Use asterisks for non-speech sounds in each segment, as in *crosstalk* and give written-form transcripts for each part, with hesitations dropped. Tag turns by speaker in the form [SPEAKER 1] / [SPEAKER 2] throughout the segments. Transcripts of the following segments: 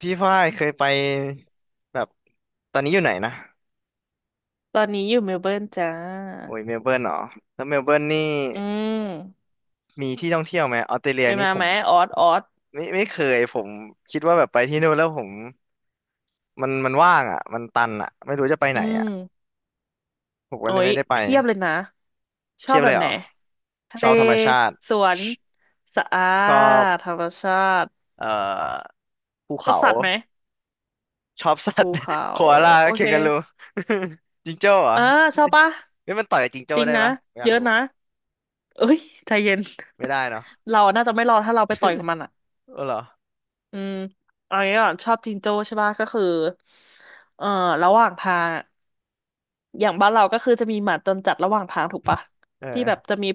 [SPEAKER 1] พี่ฝ้ายเคยไปแบบตอนนี้อยู่ไหนนะ
[SPEAKER 2] ตอนนี้อยู่เมลเบิร์นจ้า
[SPEAKER 1] โอ้ยเมลเบิร์นเหรอแล้วเมลเบิร์นนี่
[SPEAKER 2] อืม
[SPEAKER 1] มีที่ท่องเที่ยวไหมออสเตรเลี
[SPEAKER 2] เค
[SPEAKER 1] ย
[SPEAKER 2] ย
[SPEAKER 1] นี่
[SPEAKER 2] มา
[SPEAKER 1] ผ
[SPEAKER 2] ไห
[SPEAKER 1] ม
[SPEAKER 2] มออสออส
[SPEAKER 1] ไม่เคยผมคิดว่าแบบไปที่นู่นแล้วผมมันว่างอ่ะมันตันอ่ะไม่รู้จะไปไห
[SPEAKER 2] อื
[SPEAKER 1] นอ่ะ
[SPEAKER 2] ม
[SPEAKER 1] ผมก็
[SPEAKER 2] โอ้
[SPEAKER 1] เลย
[SPEAKER 2] ย
[SPEAKER 1] ไม่ได้ไป
[SPEAKER 2] เพียบเลยนะชอ
[SPEAKER 1] เที
[SPEAKER 2] บ
[SPEAKER 1] ยบ
[SPEAKER 2] แบ
[SPEAKER 1] เล
[SPEAKER 2] บ
[SPEAKER 1] ยเห
[SPEAKER 2] ไห
[SPEAKER 1] ร
[SPEAKER 2] น
[SPEAKER 1] อ
[SPEAKER 2] ทะ
[SPEAKER 1] ช
[SPEAKER 2] เล
[SPEAKER 1] อบธรรมชาติ
[SPEAKER 2] สวน
[SPEAKER 1] ช
[SPEAKER 2] สะอา
[SPEAKER 1] ชอบ
[SPEAKER 2] ดธรรมชาติ
[SPEAKER 1] เอ่อภู
[SPEAKER 2] ชอบ
[SPEAKER 1] เขา
[SPEAKER 2] สัตว์ไหม
[SPEAKER 1] ชอบสัต
[SPEAKER 2] ภู
[SPEAKER 1] ว์
[SPEAKER 2] เขา
[SPEAKER 1] *laughs* โคอาลา
[SPEAKER 2] โอ
[SPEAKER 1] เค
[SPEAKER 2] เค
[SPEAKER 1] นการู *laughs* จิงโจ้เหรอ
[SPEAKER 2] เออชอบปะ
[SPEAKER 1] ไม่มันต่อยกับจิงโจ้
[SPEAKER 2] จริง
[SPEAKER 1] ได้
[SPEAKER 2] นะ
[SPEAKER 1] ปะไม่อยา
[SPEAKER 2] เย
[SPEAKER 1] ก
[SPEAKER 2] อะ
[SPEAKER 1] รู้
[SPEAKER 2] นะเอ้ยใจเย็น
[SPEAKER 1] ไม่ได้เนาะ
[SPEAKER 2] *laughs* เราน่าจะไม่รอดถ้าเราไปต่อยกับมันอ่ะ
[SPEAKER 1] เออเหรอ
[SPEAKER 2] อืมเอางี้ก่อนชอบจิงโจ้ใช่ปะก็คือเอ่อระหว่างทางอะ อย่างบ้านเราก็คือจะมีหมาจรจัดระหว่างทางถูกปะ
[SPEAKER 1] เอ
[SPEAKER 2] ที่แบบ
[SPEAKER 1] อ
[SPEAKER 2] จะมี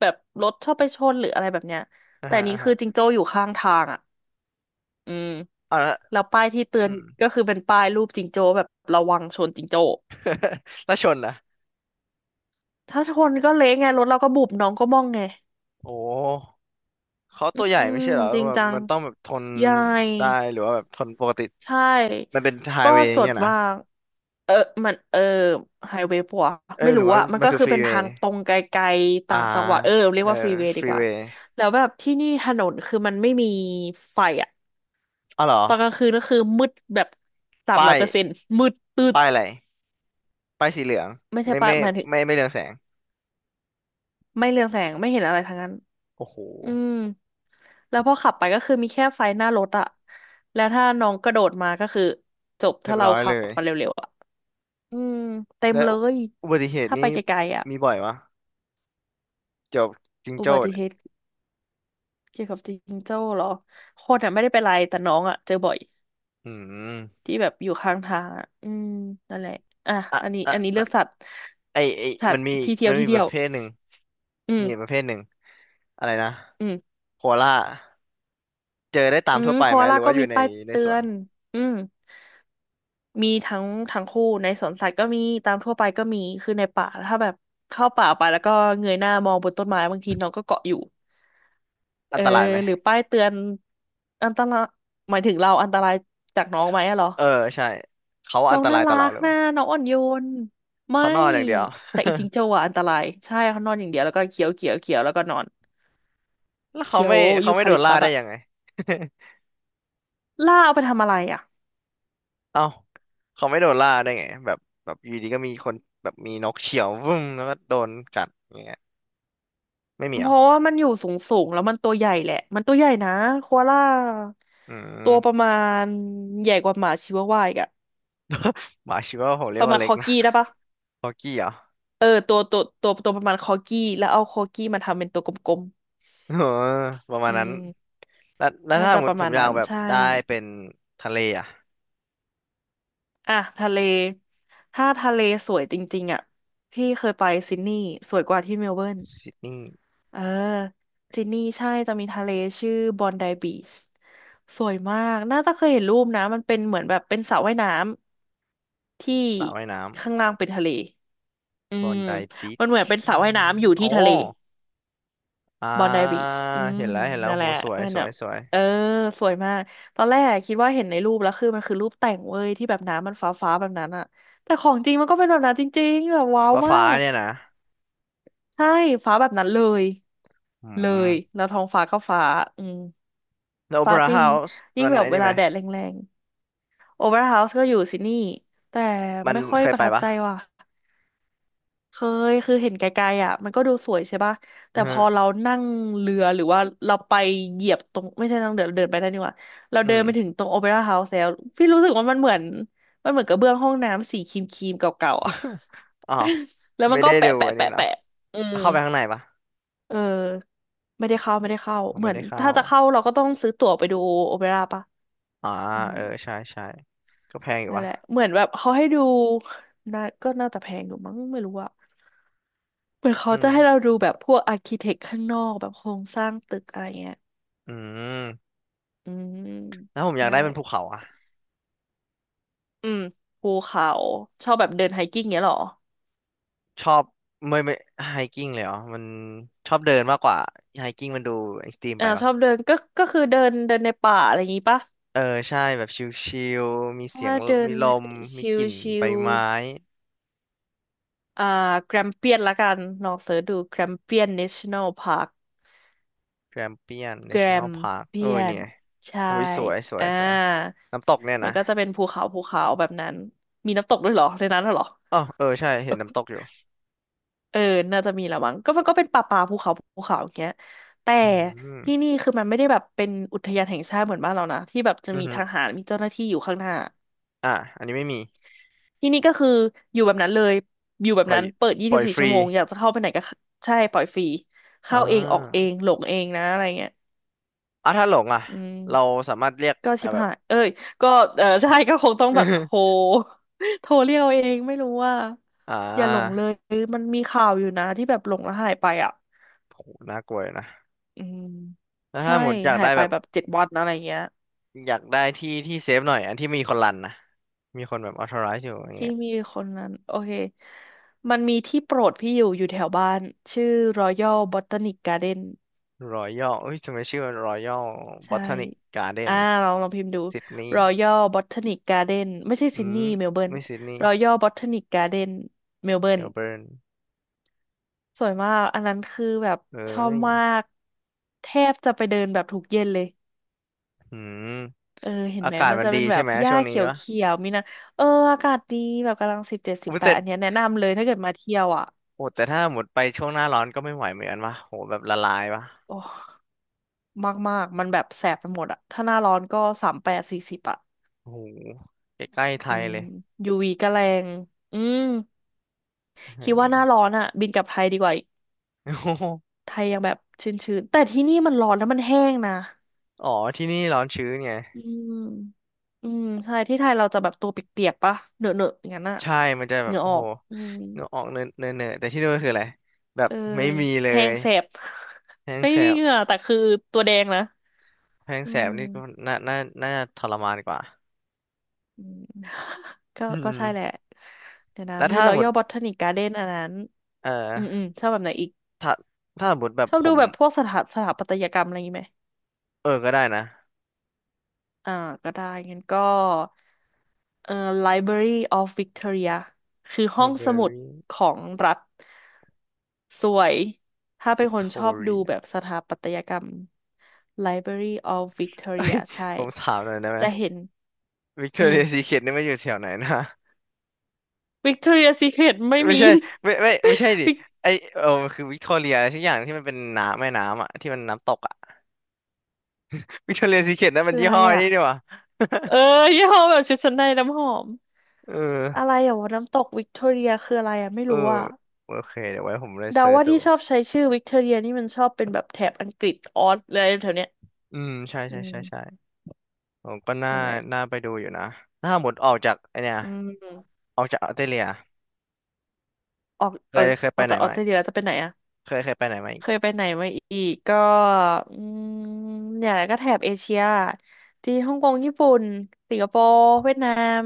[SPEAKER 2] แบบรถชอบไปชนหรืออะไรแบบเนี้ย
[SPEAKER 1] อ่า
[SPEAKER 2] แต่
[SPEAKER 1] ฮะ
[SPEAKER 2] อันนี้
[SPEAKER 1] อ่า
[SPEAKER 2] คื
[SPEAKER 1] ฮะ
[SPEAKER 2] อจิงโจ้อยู่ข้างทางอ่ะอืม
[SPEAKER 1] เอาละ
[SPEAKER 2] แล้วป้ายที่เตือนก็คือเป็นป้ายรูปจิงโจ้แบบระวังชนจิงโจ้
[SPEAKER 1] *laughs* แล้วชนล่ะ
[SPEAKER 2] ถ้าชนก็เละไงรถเราก็บุบน้องก็ม่องไง
[SPEAKER 1] โอ้เขา
[SPEAKER 2] อ
[SPEAKER 1] ตัวใหญ่
[SPEAKER 2] ื
[SPEAKER 1] ไม่
[SPEAKER 2] ม
[SPEAKER 1] ใช่เหรอ
[SPEAKER 2] จริง
[SPEAKER 1] แบบ
[SPEAKER 2] จัง
[SPEAKER 1] มันต้องแบบทน
[SPEAKER 2] ใหญ่
[SPEAKER 1] ได้หรือว่าแบบทนปกติ
[SPEAKER 2] ใช่
[SPEAKER 1] มันเป็นไฮ
[SPEAKER 2] ก็
[SPEAKER 1] เวย์อ
[SPEAKER 2] ส
[SPEAKER 1] ย่างเงี้
[SPEAKER 2] ด
[SPEAKER 1] ยนะ
[SPEAKER 2] มากเออมันเออไฮเวย์ปะวะ
[SPEAKER 1] เอ้ย
[SPEAKER 2] ไม่
[SPEAKER 1] หรื
[SPEAKER 2] รู้
[SPEAKER 1] อว่า
[SPEAKER 2] อะมัน
[SPEAKER 1] มัน
[SPEAKER 2] ก็
[SPEAKER 1] คือ
[SPEAKER 2] คือ
[SPEAKER 1] ฟรี
[SPEAKER 2] เป็น
[SPEAKER 1] เว
[SPEAKER 2] ทา
[SPEAKER 1] ย์
[SPEAKER 2] งตรงไกลๆ
[SPEAKER 1] อ่า
[SPEAKER 2] ต่างจังหวัดเออเรีย
[SPEAKER 1] เอ
[SPEAKER 2] ก
[SPEAKER 1] อ
[SPEAKER 2] ว่าฟรีเวย์
[SPEAKER 1] ฟ
[SPEAKER 2] ดี
[SPEAKER 1] รี
[SPEAKER 2] กว่า
[SPEAKER 1] เวย์
[SPEAKER 2] แล้วแบบที่นี่ถนนคือมันไม่มีไฟอะ
[SPEAKER 1] อ๋อเหรอ
[SPEAKER 2] ตอนกลางคืนก็คือมืดแบบสาม
[SPEAKER 1] ป้า
[SPEAKER 2] ร้อย
[SPEAKER 1] ย
[SPEAKER 2] เปอร์เซ็นต์มืดตืด
[SPEAKER 1] ป้ายอะไรป้ายสีเหลือง
[SPEAKER 2] ไม่ใช่
[SPEAKER 1] ไม่
[SPEAKER 2] ปะ
[SPEAKER 1] ไม่
[SPEAKER 2] หมายถึง
[SPEAKER 1] ไม่เรืองแสง
[SPEAKER 2] ไม่เรืองแสงไม่เห็นอะไรทั้งนั้น
[SPEAKER 1] โอ้โห
[SPEAKER 2] อืมแล้วพอขับไปก็คือมีแค่ไฟหน้ารถอะแล้วถ้าน้องกระโดดมาก็คือจบ
[SPEAKER 1] เรีย
[SPEAKER 2] ถ้า
[SPEAKER 1] บ
[SPEAKER 2] เรา
[SPEAKER 1] ร้อย
[SPEAKER 2] ขั
[SPEAKER 1] เลย
[SPEAKER 2] บมาเร็วๆอะ อืมเต็ม
[SPEAKER 1] แล้ว
[SPEAKER 2] เลย
[SPEAKER 1] อุบัติเหตุ
[SPEAKER 2] ถ้าไป
[SPEAKER 1] นี่
[SPEAKER 2] ไกลๆอ่ะ
[SPEAKER 1] มีบ่อยวะเกี่ยวกับจิง
[SPEAKER 2] อุ
[SPEAKER 1] โจ้
[SPEAKER 2] บัติ
[SPEAKER 1] เนี่
[SPEAKER 2] เห
[SPEAKER 1] ย
[SPEAKER 2] ตุเกี่ยวกับจิงโจ้เหรอคนอ่ะไม่ได้เป็นไรแต่น้องอ่ะเจอบ่อย
[SPEAKER 1] อืม
[SPEAKER 2] ที่แบบอยู่ข้างทางอ่ะอืมนั่นแหละอ่ะ
[SPEAKER 1] อ่ะ
[SPEAKER 2] อันนี้
[SPEAKER 1] อ่ะ
[SPEAKER 2] อันนี้
[SPEAKER 1] ละ
[SPEAKER 2] เรื่องสัตว์
[SPEAKER 1] ไอ
[SPEAKER 2] สัต
[SPEAKER 1] มัน
[SPEAKER 2] ว์
[SPEAKER 1] มีอีก
[SPEAKER 2] ที่เที่ย
[SPEAKER 1] มั
[SPEAKER 2] ว
[SPEAKER 1] น
[SPEAKER 2] ที่
[SPEAKER 1] มีป
[SPEAKER 2] เที่ย
[SPEAKER 1] ระ
[SPEAKER 2] ว
[SPEAKER 1] เภทหนึ่ง
[SPEAKER 2] อืม
[SPEAKER 1] มีอีกประเภทหนึ่งอะไรนะ
[SPEAKER 2] อืม
[SPEAKER 1] โคอาล่า เจอได้ตา
[SPEAKER 2] อื
[SPEAKER 1] ม
[SPEAKER 2] ม
[SPEAKER 1] ทั่วไป
[SPEAKER 2] โค
[SPEAKER 1] ไหม
[SPEAKER 2] อา
[SPEAKER 1] ห
[SPEAKER 2] ล่า
[SPEAKER 1] รือ
[SPEAKER 2] ก็
[SPEAKER 1] ว่าอ
[SPEAKER 2] มี
[SPEAKER 1] ยู่ใน
[SPEAKER 2] ป้าย
[SPEAKER 1] ใน
[SPEAKER 2] เตื
[SPEAKER 1] ส
[SPEAKER 2] อ
[SPEAKER 1] วน
[SPEAKER 2] นอืมมีทั้งทั้งคู่ในสวนสัตว์ก็มีตามทั่วไปก็มีคือในป่าถ้าแบบเข้าป่าไปแล้วก็เงยหน้ามองบนต้นไม้บางทีน้องก็เกาะอยู่ เอ
[SPEAKER 1] อัน
[SPEAKER 2] อ
[SPEAKER 1] ตรายไหม
[SPEAKER 2] หรือป้ายเตือนอันตรายหมายถึงเราอันตรายจากน้องไหมอะเหรอ
[SPEAKER 1] เออใช่เขาอั
[SPEAKER 2] น้อ
[SPEAKER 1] น
[SPEAKER 2] ง
[SPEAKER 1] ต
[SPEAKER 2] น่า
[SPEAKER 1] รายต่อ
[SPEAKER 2] รั
[SPEAKER 1] เรา
[SPEAKER 2] ก
[SPEAKER 1] เลย
[SPEAKER 2] นะ
[SPEAKER 1] วะ
[SPEAKER 2] น้องอ่อนโยนไม่
[SPEAKER 1] เขานอนอย่างเดียว
[SPEAKER 2] แต่อีจิงโจ้อะอันตรายใช่เขานอนอย่างเดียวแล้วก็เคี้ยวเคี้ยวเคี้ยวแล้วก็นอน
[SPEAKER 1] แล้วเขา
[SPEAKER 2] เคี้ยว
[SPEAKER 1] ไม่เขา
[SPEAKER 2] ยู
[SPEAKER 1] ไม่
[SPEAKER 2] คา
[SPEAKER 1] โด
[SPEAKER 2] ลิ
[SPEAKER 1] น
[SPEAKER 2] ป
[SPEAKER 1] ล่า
[SPEAKER 2] ตัส
[SPEAKER 1] ได้
[SPEAKER 2] อะ
[SPEAKER 1] ยังไง
[SPEAKER 2] ล่าเอาไปทำอะไรอะ
[SPEAKER 1] *laughs* เอ้าเขาไม่โดนล่าได้ไงแบบแบบอยู่ดีก็มีคนแบบมีนกเฉี่ยววุ้มแล้วก็โดนกัดอย่างเงี้ยไม่มีเห
[SPEAKER 2] เพ
[SPEAKER 1] รอ
[SPEAKER 2] ราะว่ามันอยู่สูงสูงแล้วมันตัวใหญ่แหละมันตัวใหญ่นะโคอาล่า
[SPEAKER 1] อื
[SPEAKER 2] ตัวประ
[SPEAKER 1] ม
[SPEAKER 2] มาณใหญ่กว่าหมาชิวาวาอีกอะ
[SPEAKER 1] บาชิว่าผมเรี
[SPEAKER 2] ป
[SPEAKER 1] ยก
[SPEAKER 2] ระ
[SPEAKER 1] ว่า
[SPEAKER 2] มาณ
[SPEAKER 1] เล็
[SPEAKER 2] ค
[SPEAKER 1] ก
[SPEAKER 2] อ
[SPEAKER 1] นะ
[SPEAKER 2] กี้ได้ปะ
[SPEAKER 1] ฮอกกี้เหรอ
[SPEAKER 2] เออตัวประมาณคอกี้แล้วเอาคอกี้มาทำเป็นตัวกลม
[SPEAKER 1] เออประ
[SPEAKER 2] ๆ
[SPEAKER 1] มา
[SPEAKER 2] อื
[SPEAKER 1] ณนั้น
[SPEAKER 2] ม
[SPEAKER 1] แล้ว
[SPEAKER 2] น่า
[SPEAKER 1] ถ้าส
[SPEAKER 2] จะ
[SPEAKER 1] มม
[SPEAKER 2] ป
[SPEAKER 1] ติ
[SPEAKER 2] ระ
[SPEAKER 1] ผ
[SPEAKER 2] มา
[SPEAKER 1] ม
[SPEAKER 2] ณ
[SPEAKER 1] อยา
[SPEAKER 2] นั้
[SPEAKER 1] ก
[SPEAKER 2] น
[SPEAKER 1] แบบ
[SPEAKER 2] ใช่
[SPEAKER 1] ได้เป็นทะเลอ่ะ
[SPEAKER 2] อ่ะทะเล ถ้าทะเลสวยจริงๆอ่ะพี่เคยไปซิดนีย์สวยกว่าที่เมลเบิร์น
[SPEAKER 1] ซิดนีย์
[SPEAKER 2] เออซิดนีย์ใช่จะมีทะเลชื่อบอนไดบีชสวยมากน่าจะเคยเห็นรูปนะมันเป็นเหมือนแบบเป็นสระว่ายน้ำที่
[SPEAKER 1] สระว่ายน้
[SPEAKER 2] ข้างล่างเป็นทะเลอื
[SPEAKER 1] ำบอ
[SPEAKER 2] ม
[SPEAKER 1] นไดบี
[SPEAKER 2] มันเห
[SPEAKER 1] ช
[SPEAKER 2] มือนเป็นสระว่ายน้ำอยู่
[SPEAKER 1] อ๋อ
[SPEAKER 2] ที่ทะเล
[SPEAKER 1] อ่า
[SPEAKER 2] บอนไดบีชอืม
[SPEAKER 1] เห็นแล้วเห็นแล้ว
[SPEAKER 2] นั่นแห
[SPEAKER 1] โห
[SPEAKER 2] ละ
[SPEAKER 1] สวย
[SPEAKER 2] มัน
[SPEAKER 1] ส
[SPEAKER 2] แบ
[SPEAKER 1] วย
[SPEAKER 2] บ
[SPEAKER 1] สวย
[SPEAKER 2] เออ สวยมาก ตอนแรกคิดว่าเห็นในรูปแล้วคือมันคือรูปแต่งเว้ยที่แบบน้ำมันฟ้าฟ้าแบบนั้นอะแต่ของจริงมันก็เป็นแบบนั้นจริงๆแบบว้าว
[SPEAKER 1] ฟ้า
[SPEAKER 2] มา
[SPEAKER 1] ฟ้า
[SPEAKER 2] ก
[SPEAKER 1] เนี่ยนะ
[SPEAKER 2] ใช่ ฟ้าแบบนั้นเลย
[SPEAKER 1] อื
[SPEAKER 2] เล
[SPEAKER 1] ม
[SPEAKER 2] ย แล้วท้องฟ้าก็ฟ้า อืม
[SPEAKER 1] แล้วโอเป
[SPEAKER 2] ฟ้า
[SPEAKER 1] ร่า
[SPEAKER 2] จริ
[SPEAKER 1] เฮา
[SPEAKER 2] ง
[SPEAKER 1] ส์
[SPEAKER 2] ยิ่ง
[SPEAKER 1] มัน
[SPEAKER 2] แบบ
[SPEAKER 1] ไอ้
[SPEAKER 2] เว
[SPEAKER 1] นี่ไห
[SPEAKER 2] ลา
[SPEAKER 1] ม
[SPEAKER 2] แดดแรงๆโอเวอร์เฮาส์ก็อยู่ซิดนีย์แต่
[SPEAKER 1] มัน
[SPEAKER 2] ไม่ค่อย
[SPEAKER 1] เคย
[SPEAKER 2] ประ
[SPEAKER 1] ไป
[SPEAKER 2] ทับ
[SPEAKER 1] ปะ
[SPEAKER 2] ใจว่ะ เคยคือเห็นไกลๆอ่ะมันก็ดูสวยใช่ป่ะ
[SPEAKER 1] อื
[SPEAKER 2] แต่
[SPEAKER 1] อ
[SPEAKER 2] พ
[SPEAKER 1] ฮะ
[SPEAKER 2] อเรานั่งเรือหรือว่าเราไปเหยียบตรงไม่ใช่นั่งเดินเดินไปได้นดี่หว่าเรา
[SPEAKER 1] อื
[SPEAKER 2] เดิน
[SPEAKER 1] ม
[SPEAKER 2] ไปถึงตรงโอเปร่าเฮาส์แล้วพี่รู้สึกว่ามันเหมือนกระเบื้องห้องน้ำสีครีมๆเก่าๆอ่ะ
[SPEAKER 1] *laughs* อ้าว
[SPEAKER 2] *laughs* แล้วมั
[SPEAKER 1] ไม่
[SPEAKER 2] นก็
[SPEAKER 1] ได้
[SPEAKER 2] แปะ
[SPEAKER 1] ดู
[SPEAKER 2] แปะ
[SPEAKER 1] อันนี้
[SPEAKER 2] แปะ
[SPEAKER 1] เนา
[SPEAKER 2] แปะอืม
[SPEAKER 1] เข้าไปข้างในปะ
[SPEAKER 2] เออไม่ได้เข้า
[SPEAKER 1] อ
[SPEAKER 2] เหมื
[SPEAKER 1] ไม่
[SPEAKER 2] อน
[SPEAKER 1] ได้เข้า
[SPEAKER 2] ถ้าจะเข้าเราก็ต้องซื้อตั๋วไปดูโอเปร่าป่ะ
[SPEAKER 1] อ่า
[SPEAKER 2] อืม
[SPEAKER 1] เออใช่ใช่ก็แพงอยู่
[SPEAKER 2] นั่น
[SPEAKER 1] ปะ
[SPEAKER 2] แหละเหมือนแบบเขาให้ดูน่าก็น่าจะแพงอยู่มั้งไม่รู้อะเหมือนเขา
[SPEAKER 1] อื
[SPEAKER 2] จะให้เรา
[SPEAKER 1] ม
[SPEAKER 2] ดูแบบพวกอาร์คิเทคข้างนอกแบบโครงสร้างตึกอะไรเงี้ย
[SPEAKER 1] อืม
[SPEAKER 2] อืม
[SPEAKER 1] แล้วผมอยาก
[SPEAKER 2] นั่
[SPEAKER 1] ได้
[SPEAKER 2] นแห
[SPEAKER 1] เป็
[SPEAKER 2] ละ
[SPEAKER 1] นภูเขาอะ
[SPEAKER 2] อืมภูเขาชอบแบบเดินไฮกิ้งเงี้ยเหรอ
[SPEAKER 1] ชอบไม่ไฮกิ้งเลยเหรอมันชอบเดินมากกว่าไฮกิ้งมันดูเอ็กซ์ตรีมไป
[SPEAKER 2] อ่าช
[SPEAKER 1] ปะ
[SPEAKER 2] อบเดินก็คือเดินเดินในป่าอะไรอย่างงี้ปะ
[SPEAKER 1] เออใช่แบบชิลๆมีเสียง
[SPEAKER 2] ถ้าเดิ
[SPEAKER 1] มี
[SPEAKER 2] น
[SPEAKER 1] ลม
[SPEAKER 2] ช
[SPEAKER 1] มีกลิ่น
[SPEAKER 2] ิ
[SPEAKER 1] ใบ
[SPEAKER 2] ล
[SPEAKER 1] ไม้
[SPEAKER 2] ๆอ่าแกรมเปียนละกันลองเสิร์ชดูแกรมเปียน National Park
[SPEAKER 1] แกรมเปียน n
[SPEAKER 2] แก
[SPEAKER 1] a
[SPEAKER 2] ร
[SPEAKER 1] t น o n ล
[SPEAKER 2] ม
[SPEAKER 1] พาร์ k
[SPEAKER 2] เปี
[SPEAKER 1] เอ้
[SPEAKER 2] ย
[SPEAKER 1] ยเนี่
[SPEAKER 2] น
[SPEAKER 1] ย
[SPEAKER 2] ใช่
[SPEAKER 1] โอ้ยสวยสว
[SPEAKER 2] อ่า
[SPEAKER 1] ยสวยน้ำตกเนี่ย
[SPEAKER 2] มัน
[SPEAKER 1] นะ
[SPEAKER 2] ก็จะเป็นภูเขาภูเขาแบบนั้นมีน้ำตกด้วยเหรอในนั้นน่ะเหรอ
[SPEAKER 1] อ๋อเออใช่เห็นน้ำตกอยู่
[SPEAKER 2] เออน่าจะมีละมั้งมันก็เป็นป่าป่าภูเขาภูเขาอย่างเงี้ยแต่
[SPEAKER 1] อืม
[SPEAKER 2] ที่นี่คือมันไม่ได้แบบเป็นอุทยานแห่งชาติเหมือนบ้านเรานะที่แบบจะ
[SPEAKER 1] อือ
[SPEAKER 2] มี
[SPEAKER 1] ฮึ
[SPEAKER 2] ทหารมีเจ้าหน้าที่อยู่ข้างหน้า
[SPEAKER 1] อ่ะอันนี้ไม่มี
[SPEAKER 2] ที่นี่ก็คืออยู่แบบนั้นเลยอยู่แบบ
[SPEAKER 1] ปล่อ
[SPEAKER 2] นั้
[SPEAKER 1] ย
[SPEAKER 2] นเปิดยี่
[SPEAKER 1] ปล่
[SPEAKER 2] สิบ
[SPEAKER 1] อย
[SPEAKER 2] สี่
[SPEAKER 1] ฟ
[SPEAKER 2] ชั่
[SPEAKER 1] รี
[SPEAKER 2] วโมงอยากจะเข้าไปไหนก็เข้าใช่ปล่อยฟรี
[SPEAKER 1] อ่
[SPEAKER 2] เข้าเองออกเอ
[SPEAKER 1] า
[SPEAKER 2] งหลงเองนะอะไรเงี้ย
[SPEAKER 1] อ่ะถ้าหลงอ่ะ
[SPEAKER 2] อืม
[SPEAKER 1] เราสามารถเรียก
[SPEAKER 2] ก็ชิ
[SPEAKER 1] อ่ะ
[SPEAKER 2] บ
[SPEAKER 1] แบบ
[SPEAKER 2] หาย เอ้ยก็เออ *laughs* ใช่ ก็คงต้องแบบโทร
[SPEAKER 1] *laughs*
[SPEAKER 2] *laughs* โทรเรียกเอาเอง ไม่รู้ว่า
[SPEAKER 1] อ่
[SPEAKER 2] อย่าหลงเล
[SPEAKER 1] า
[SPEAKER 2] ย มันมีข่าวอยู่นะที่แบบหลงแล้วหายไปอ่ะ
[SPEAKER 1] โหน่ากลัวอยู่นะ
[SPEAKER 2] อืม
[SPEAKER 1] แล้ว
[SPEAKER 2] ใช่
[SPEAKER 1] ถ้าหมดอยาก
[SPEAKER 2] หา
[SPEAKER 1] ได้
[SPEAKER 2] ยไป
[SPEAKER 1] แบบ
[SPEAKER 2] แบบ7 วันอะไรเงี้ย
[SPEAKER 1] อยากได้ที่ที่เซฟหน่อยอันที่มีคนรันนะมีคนแบบ authorize อยู่อย่าง
[SPEAKER 2] ที่
[SPEAKER 1] เงี้ย
[SPEAKER 2] มีคนนั้น โอเค มันมีที่โปรดพี่อยู่ อยู่แถวบ้าน ชื่อ Royal Botanic Garden
[SPEAKER 1] รอยัลเอ้ยทำไมชื่อรอยัลบอ
[SPEAKER 2] ใช่
[SPEAKER 1] ทนิกการ์เด
[SPEAKER 2] อ่า
[SPEAKER 1] นส์
[SPEAKER 2] ลองพิมพ์ดู
[SPEAKER 1] ซิดนีย์
[SPEAKER 2] Royal Botanic Garden ไม่ใช่
[SPEAKER 1] อื
[SPEAKER 2] ซิด
[SPEAKER 1] ม
[SPEAKER 2] นีย์เมลเบิร์น
[SPEAKER 1] ไม่ซิดนีย์
[SPEAKER 2] Royal Botanic Garden เมลเบิ
[SPEAKER 1] เม
[SPEAKER 2] ร์น
[SPEAKER 1] ลเบิร์น
[SPEAKER 2] สวยมาก อันนั้นคือแบบ
[SPEAKER 1] เอ
[SPEAKER 2] ชอ
[SPEAKER 1] ้
[SPEAKER 2] บ
[SPEAKER 1] ย
[SPEAKER 2] มากแทบจะไปเดินแบบทุกเย็นเลย
[SPEAKER 1] อืม
[SPEAKER 2] เออ เห็น
[SPEAKER 1] อา
[SPEAKER 2] ไหม
[SPEAKER 1] กาศ
[SPEAKER 2] มัน
[SPEAKER 1] มัน
[SPEAKER 2] จะ
[SPEAKER 1] ดี
[SPEAKER 2] เป็นแบ
[SPEAKER 1] ใช่
[SPEAKER 2] บ
[SPEAKER 1] ไหม
[SPEAKER 2] หญ้า
[SPEAKER 1] ช่วงนี้
[SPEAKER 2] เขียว
[SPEAKER 1] วะ
[SPEAKER 2] เขียวมีนะเออ อากาศดีแบบกำลังสิบเจ็ดสิ
[SPEAKER 1] อุ้
[SPEAKER 2] บ
[SPEAKER 1] ย
[SPEAKER 2] แป
[SPEAKER 1] แต่
[SPEAKER 2] ดอันเนี้ยแนะนำเลยถ้าเกิดมาเที่ยวอ่ะ
[SPEAKER 1] โอ้แต่ถ้าหมดไปช่วงหน้าร้อนก็ไม่ไหวเหมือนกันวะโหแบบละลายวะ
[SPEAKER 2] โอ้ มากมากมันแบบแสบไปหมดอ่ะ ถ้าหน้าร้อนก็38 40อ่ะ
[SPEAKER 1] โอ้โหใกล้ๆไท
[SPEAKER 2] อื
[SPEAKER 1] ย
[SPEAKER 2] ม
[SPEAKER 1] เลย
[SPEAKER 2] ยูวีก็แรง อืม คิดว่าหน้าร้
[SPEAKER 1] *laughs* เ
[SPEAKER 2] อนอ่ะบินกลับไทยดีกว่าอีก
[SPEAKER 1] ออโอ้โห
[SPEAKER 2] ไทยยังแบบชื้นๆแต่ที่นี่มันร้อนแล้วมันแห้งนะ
[SPEAKER 1] อ๋อที่นี่ร้อนชื้นไง
[SPEAKER 2] อืมอืมใช่ที่ไทยเราจะแบบตัวเปียกๆปะเหนอะๆอย่างนั้นอะ
[SPEAKER 1] ใช่มันจะ
[SPEAKER 2] เห
[SPEAKER 1] แบบ
[SPEAKER 2] งื่อ
[SPEAKER 1] โอ้
[SPEAKER 2] ออ
[SPEAKER 1] โห
[SPEAKER 2] ก อืม
[SPEAKER 1] เนื้อออกเนื้อเนื้อแต่ที่นู่นคืออะไร แบ
[SPEAKER 2] เอ
[SPEAKER 1] บ
[SPEAKER 2] อ
[SPEAKER 1] ไม่มีเล
[SPEAKER 2] แห้ง
[SPEAKER 1] ย
[SPEAKER 2] แสบ
[SPEAKER 1] แห้
[SPEAKER 2] *laughs*
[SPEAKER 1] ง
[SPEAKER 2] ไม่
[SPEAKER 1] แส
[SPEAKER 2] มี
[SPEAKER 1] บ
[SPEAKER 2] เหงื่อแต่คือตัวแดงนะ
[SPEAKER 1] แพง
[SPEAKER 2] อื
[SPEAKER 1] แสบนี่ก็
[SPEAKER 2] ม
[SPEAKER 1] น่าน่าจะทรมานกว่า
[SPEAKER 2] อืม *laughs*
[SPEAKER 1] อื
[SPEAKER 2] ก็ใช่แหละ
[SPEAKER 1] ม
[SPEAKER 2] เดี๋ยวนะ
[SPEAKER 1] แล้ว
[SPEAKER 2] มี
[SPEAKER 1] ถ้าหมด
[SPEAKER 2] Royal Botanic Garden อันนั้น
[SPEAKER 1] เอ่อ
[SPEAKER 2] อืมอืมชอบแบบไหนอีก
[SPEAKER 1] ถ้าถ้าหมดแบบ
[SPEAKER 2] ชอบ
[SPEAKER 1] ผ
[SPEAKER 2] ดู
[SPEAKER 1] ม
[SPEAKER 2] แบบพวกสถาปัตยกรรมอะไรอย่างงี้ไหม
[SPEAKER 1] เออก็ได้นะ
[SPEAKER 2] อ่าก็ได้งั้นก็เอ่อ Library of Victoria คือห้องสมุด
[SPEAKER 1] Library
[SPEAKER 2] ของรัฐสวยถ้าเป็นคนชอบดูแบ
[SPEAKER 1] Victoria
[SPEAKER 2] บสถาปัตยกรรม Library of
[SPEAKER 1] *laughs* เอ้
[SPEAKER 2] Victoria
[SPEAKER 1] ย
[SPEAKER 2] ใช่
[SPEAKER 1] ผมถามหน่อยได้ไหม
[SPEAKER 2] จะเห็นอืม
[SPEAKER 1] Victoria Secret นี่มันอยู่แถวไหนนะ
[SPEAKER 2] Victoria Secret ไม่
[SPEAKER 1] ไม่
[SPEAKER 2] มี
[SPEAKER 1] ใช่ไม่ไม่ใช่
[SPEAKER 2] *laughs*
[SPEAKER 1] ดิ
[SPEAKER 2] วิก
[SPEAKER 1] ไอเออมันคือวิกตอเรียอะไรสักอย่างที่มันเป็นน้ำแม่น้ำอะที่มันน้ำตกอะ *laughs* วิกตอเรียซีเคร็ตนั่นมั
[SPEAKER 2] คื
[SPEAKER 1] น
[SPEAKER 2] อ
[SPEAKER 1] ยี่
[SPEAKER 2] อะไร
[SPEAKER 1] ห้อไอ
[SPEAKER 2] อ่ะ
[SPEAKER 1] นี่ดีกว่า
[SPEAKER 2] เออยี่ห้อแบบชุดชั้นในน้ำหอม
[SPEAKER 1] *laughs* เออ
[SPEAKER 2] อะไรอ่ะวะน้ำตกวิกตอเรียคืออะไรอ่ะไม่
[SPEAKER 1] เออ
[SPEAKER 2] รู้อ่ะ
[SPEAKER 1] โอเคเดี๋ยวไว้ผมเลย
[SPEAKER 2] เดา
[SPEAKER 1] เซิร์ช
[SPEAKER 2] ว่า
[SPEAKER 1] ดู
[SPEAKER 2] ที่ชอบใช้ชื่อวิกตอเรียนี่มันชอบเป็นแบบแถบอังกฤษออสเลยแถวเนี้ย
[SPEAKER 1] อืมใช่ใช่
[SPEAKER 2] อืม
[SPEAKER 1] ใช่ใช่ ผมก็น่า
[SPEAKER 2] นั่นแหละ
[SPEAKER 1] น่าไปดูอยู่นะถ้าหมดออกจากไอเนี่ย
[SPEAKER 2] อืม
[SPEAKER 1] ออกจากออสเตรเลีย
[SPEAKER 2] ออก
[SPEAKER 1] เค
[SPEAKER 2] เอ้
[SPEAKER 1] ย
[SPEAKER 2] ย
[SPEAKER 1] เคย
[SPEAKER 2] อ
[SPEAKER 1] ไป
[SPEAKER 2] อก
[SPEAKER 1] ไหน
[SPEAKER 2] จากออส
[SPEAKER 1] มา
[SPEAKER 2] เต
[SPEAKER 1] อี
[SPEAKER 2] ร
[SPEAKER 1] ก
[SPEAKER 2] เลียแล้วจะไปไหนอ่ะ
[SPEAKER 1] เคยไปไหนมาอี
[SPEAKER 2] เค
[SPEAKER 1] ก
[SPEAKER 2] ยไปไหนมาอีกก็อืมเนี่ยแหละก็แถบเอเชียที่ฮ่องกงญี่ปุ่นสิงคโปร์เวียดนาม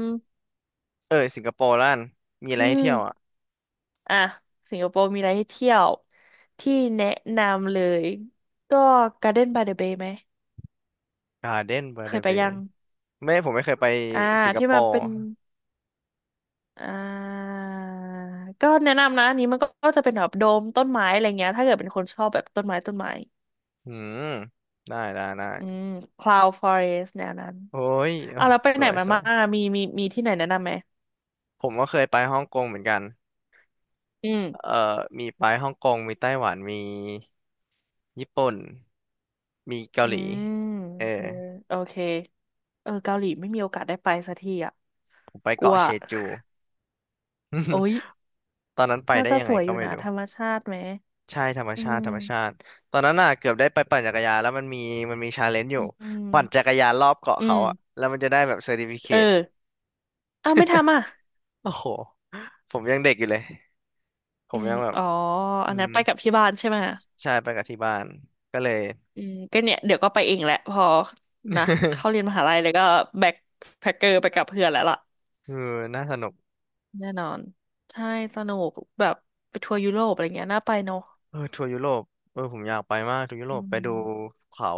[SPEAKER 1] เออสิงคโปร์ล่นมีอะ
[SPEAKER 2] อื
[SPEAKER 1] ไรให้
[SPEAKER 2] ม
[SPEAKER 1] เที่ยวอ่ะ
[SPEAKER 2] อ่ะสิงคโปร์มีอะไรให้เที่ยวที่แนะนำเลยก็ Garden by the Bay ไหม
[SPEAKER 1] การ์เด้นบา
[SPEAKER 2] เคย
[SPEAKER 1] ร์
[SPEAKER 2] ไป
[SPEAKER 1] เบ
[SPEAKER 2] ยั
[SPEAKER 1] ย์
[SPEAKER 2] ง
[SPEAKER 1] ไม่ผมไม่เคยไป
[SPEAKER 2] อ่า
[SPEAKER 1] สิงค
[SPEAKER 2] ที่
[SPEAKER 1] โป
[SPEAKER 2] มัน
[SPEAKER 1] ร์
[SPEAKER 2] เป็น อ่าก็แนะนำนะอันนี้มันก็จะเป็นแบบโดมต้นไม้อะไรเงี้ยถ้าเกิดเป็นคนชอบแบบต้นไม้ต้นไม้
[SPEAKER 1] อืมได้ได้ได้
[SPEAKER 2] อืม cloud forest แนวนั้น
[SPEAKER 1] โอ้ยเอ้
[SPEAKER 2] อ่ะ
[SPEAKER 1] ย
[SPEAKER 2] แล้วไป
[SPEAKER 1] ส
[SPEAKER 2] ไหน
[SPEAKER 1] วย
[SPEAKER 2] มา
[SPEAKER 1] สว
[SPEAKER 2] บ้า
[SPEAKER 1] ย
[SPEAKER 2] งอะมีที่ไหนแนะนำไหม
[SPEAKER 1] ผมก็เคยไปฮ่องกงเหมือนกัน
[SPEAKER 2] อืม
[SPEAKER 1] เอ่อมีไปฮ่องกงมีไต้หวันมีญี่ปุ่นมีเกา
[SPEAKER 2] อื
[SPEAKER 1] หลี
[SPEAKER 2] ม
[SPEAKER 1] เออ
[SPEAKER 2] เออโอเคเออเกาหลีไม่มีโอกาสได้ไปสักทีอ่ะ
[SPEAKER 1] ผมไป
[SPEAKER 2] กลั
[SPEAKER 1] เกาะ
[SPEAKER 2] ว
[SPEAKER 1] เชจู
[SPEAKER 2] *laughs* โอ้ย
[SPEAKER 1] *laughs* ตอนนั้นไป
[SPEAKER 2] น่า
[SPEAKER 1] ได้
[SPEAKER 2] จะ
[SPEAKER 1] ยัง
[SPEAKER 2] ส
[SPEAKER 1] ไง
[SPEAKER 2] วยอ
[SPEAKER 1] ก็
[SPEAKER 2] ยู่
[SPEAKER 1] ไม่
[SPEAKER 2] นะ
[SPEAKER 1] รู้
[SPEAKER 2] ธรรมชาติไหม
[SPEAKER 1] ใช่ธรรม
[SPEAKER 2] อื
[SPEAKER 1] ชาติ
[SPEAKER 2] ม
[SPEAKER 1] ธรรมชาติตอนนั้นน่ะเกือบได้ไปปั่นจักรยานแล้วมันมีชาเลนจ์อยู่
[SPEAKER 2] อื
[SPEAKER 1] ปั่นจั
[SPEAKER 2] ม
[SPEAKER 1] กรยานรอบเกาะ
[SPEAKER 2] อื
[SPEAKER 1] เขาอ่ะ
[SPEAKER 2] ม
[SPEAKER 1] แล้วมันจะได้แบบเซอร์ติฟิเค
[SPEAKER 2] เอ
[SPEAKER 1] ต
[SPEAKER 2] ออ้าวไม่ทำอ่ะ
[SPEAKER 1] โอ้โหผมยังเด็กอยู่เลยผ
[SPEAKER 2] อื
[SPEAKER 1] ม
[SPEAKER 2] ม
[SPEAKER 1] ยังแบบ
[SPEAKER 2] อ๋ออัน
[SPEAKER 1] อื
[SPEAKER 2] นั้น
[SPEAKER 1] ม
[SPEAKER 2] ไปกับที่บ้านใช่ไหม
[SPEAKER 1] ใช่ไปกับที่บ้านก็เลย
[SPEAKER 2] อืมก็เนี่ยเดี๋ยวก็ไปเองแหละพอนะเข้าเรียนม
[SPEAKER 1] *laughs*
[SPEAKER 2] หาลัยแล้วก็แบ็คแพ็คเกอร์ไปกับเพื่อนแล้วล่ะ
[SPEAKER 1] เออน่าสนุก
[SPEAKER 2] แน่นอนใช่สนุกแบบไปทัวร์ยุโรปอะไรเงี้ยน่าไปเนาะ
[SPEAKER 1] เออทัวร์ยุโรปเออผมอยากไปมากทัวร์ยุโร
[SPEAKER 2] อื
[SPEAKER 1] ปไปดู
[SPEAKER 2] ม
[SPEAKER 1] เขา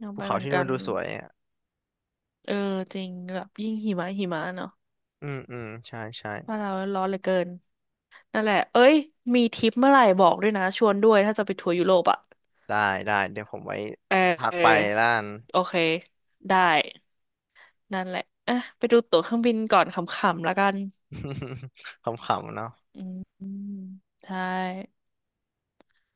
[SPEAKER 2] น่า
[SPEAKER 1] ภู
[SPEAKER 2] ไป
[SPEAKER 1] เขา
[SPEAKER 2] เหมือน
[SPEAKER 1] ที่
[SPEAKER 2] กั
[SPEAKER 1] นู่น
[SPEAKER 2] น
[SPEAKER 1] ดูสวยอ่ะ
[SPEAKER 2] เออจริงแบบยิ่งหิมะหิมะเนาะ
[SPEAKER 1] อืมอืมใช่ใช่
[SPEAKER 2] ว่านเราร้อนเหลือเกินนั่นแหละเอ้ยมีทริปเมื่อไหร่บอกด้วยนะชวนด้วยถ้าจะไปทัวร์ยุโรปอ่ะ
[SPEAKER 1] ได้ได้เดี๋ยวผมไว้
[SPEAKER 2] เออ
[SPEAKER 1] ทัก
[SPEAKER 2] เออ
[SPEAKER 1] ไปล้าน
[SPEAKER 2] โอเคได้นั่นแหละอ่ะไปดูตั๋วเครื่องบินก่อนขำๆแล้วกัน
[SPEAKER 1] *laughs* ขำๆเนาะ
[SPEAKER 2] อืมใช่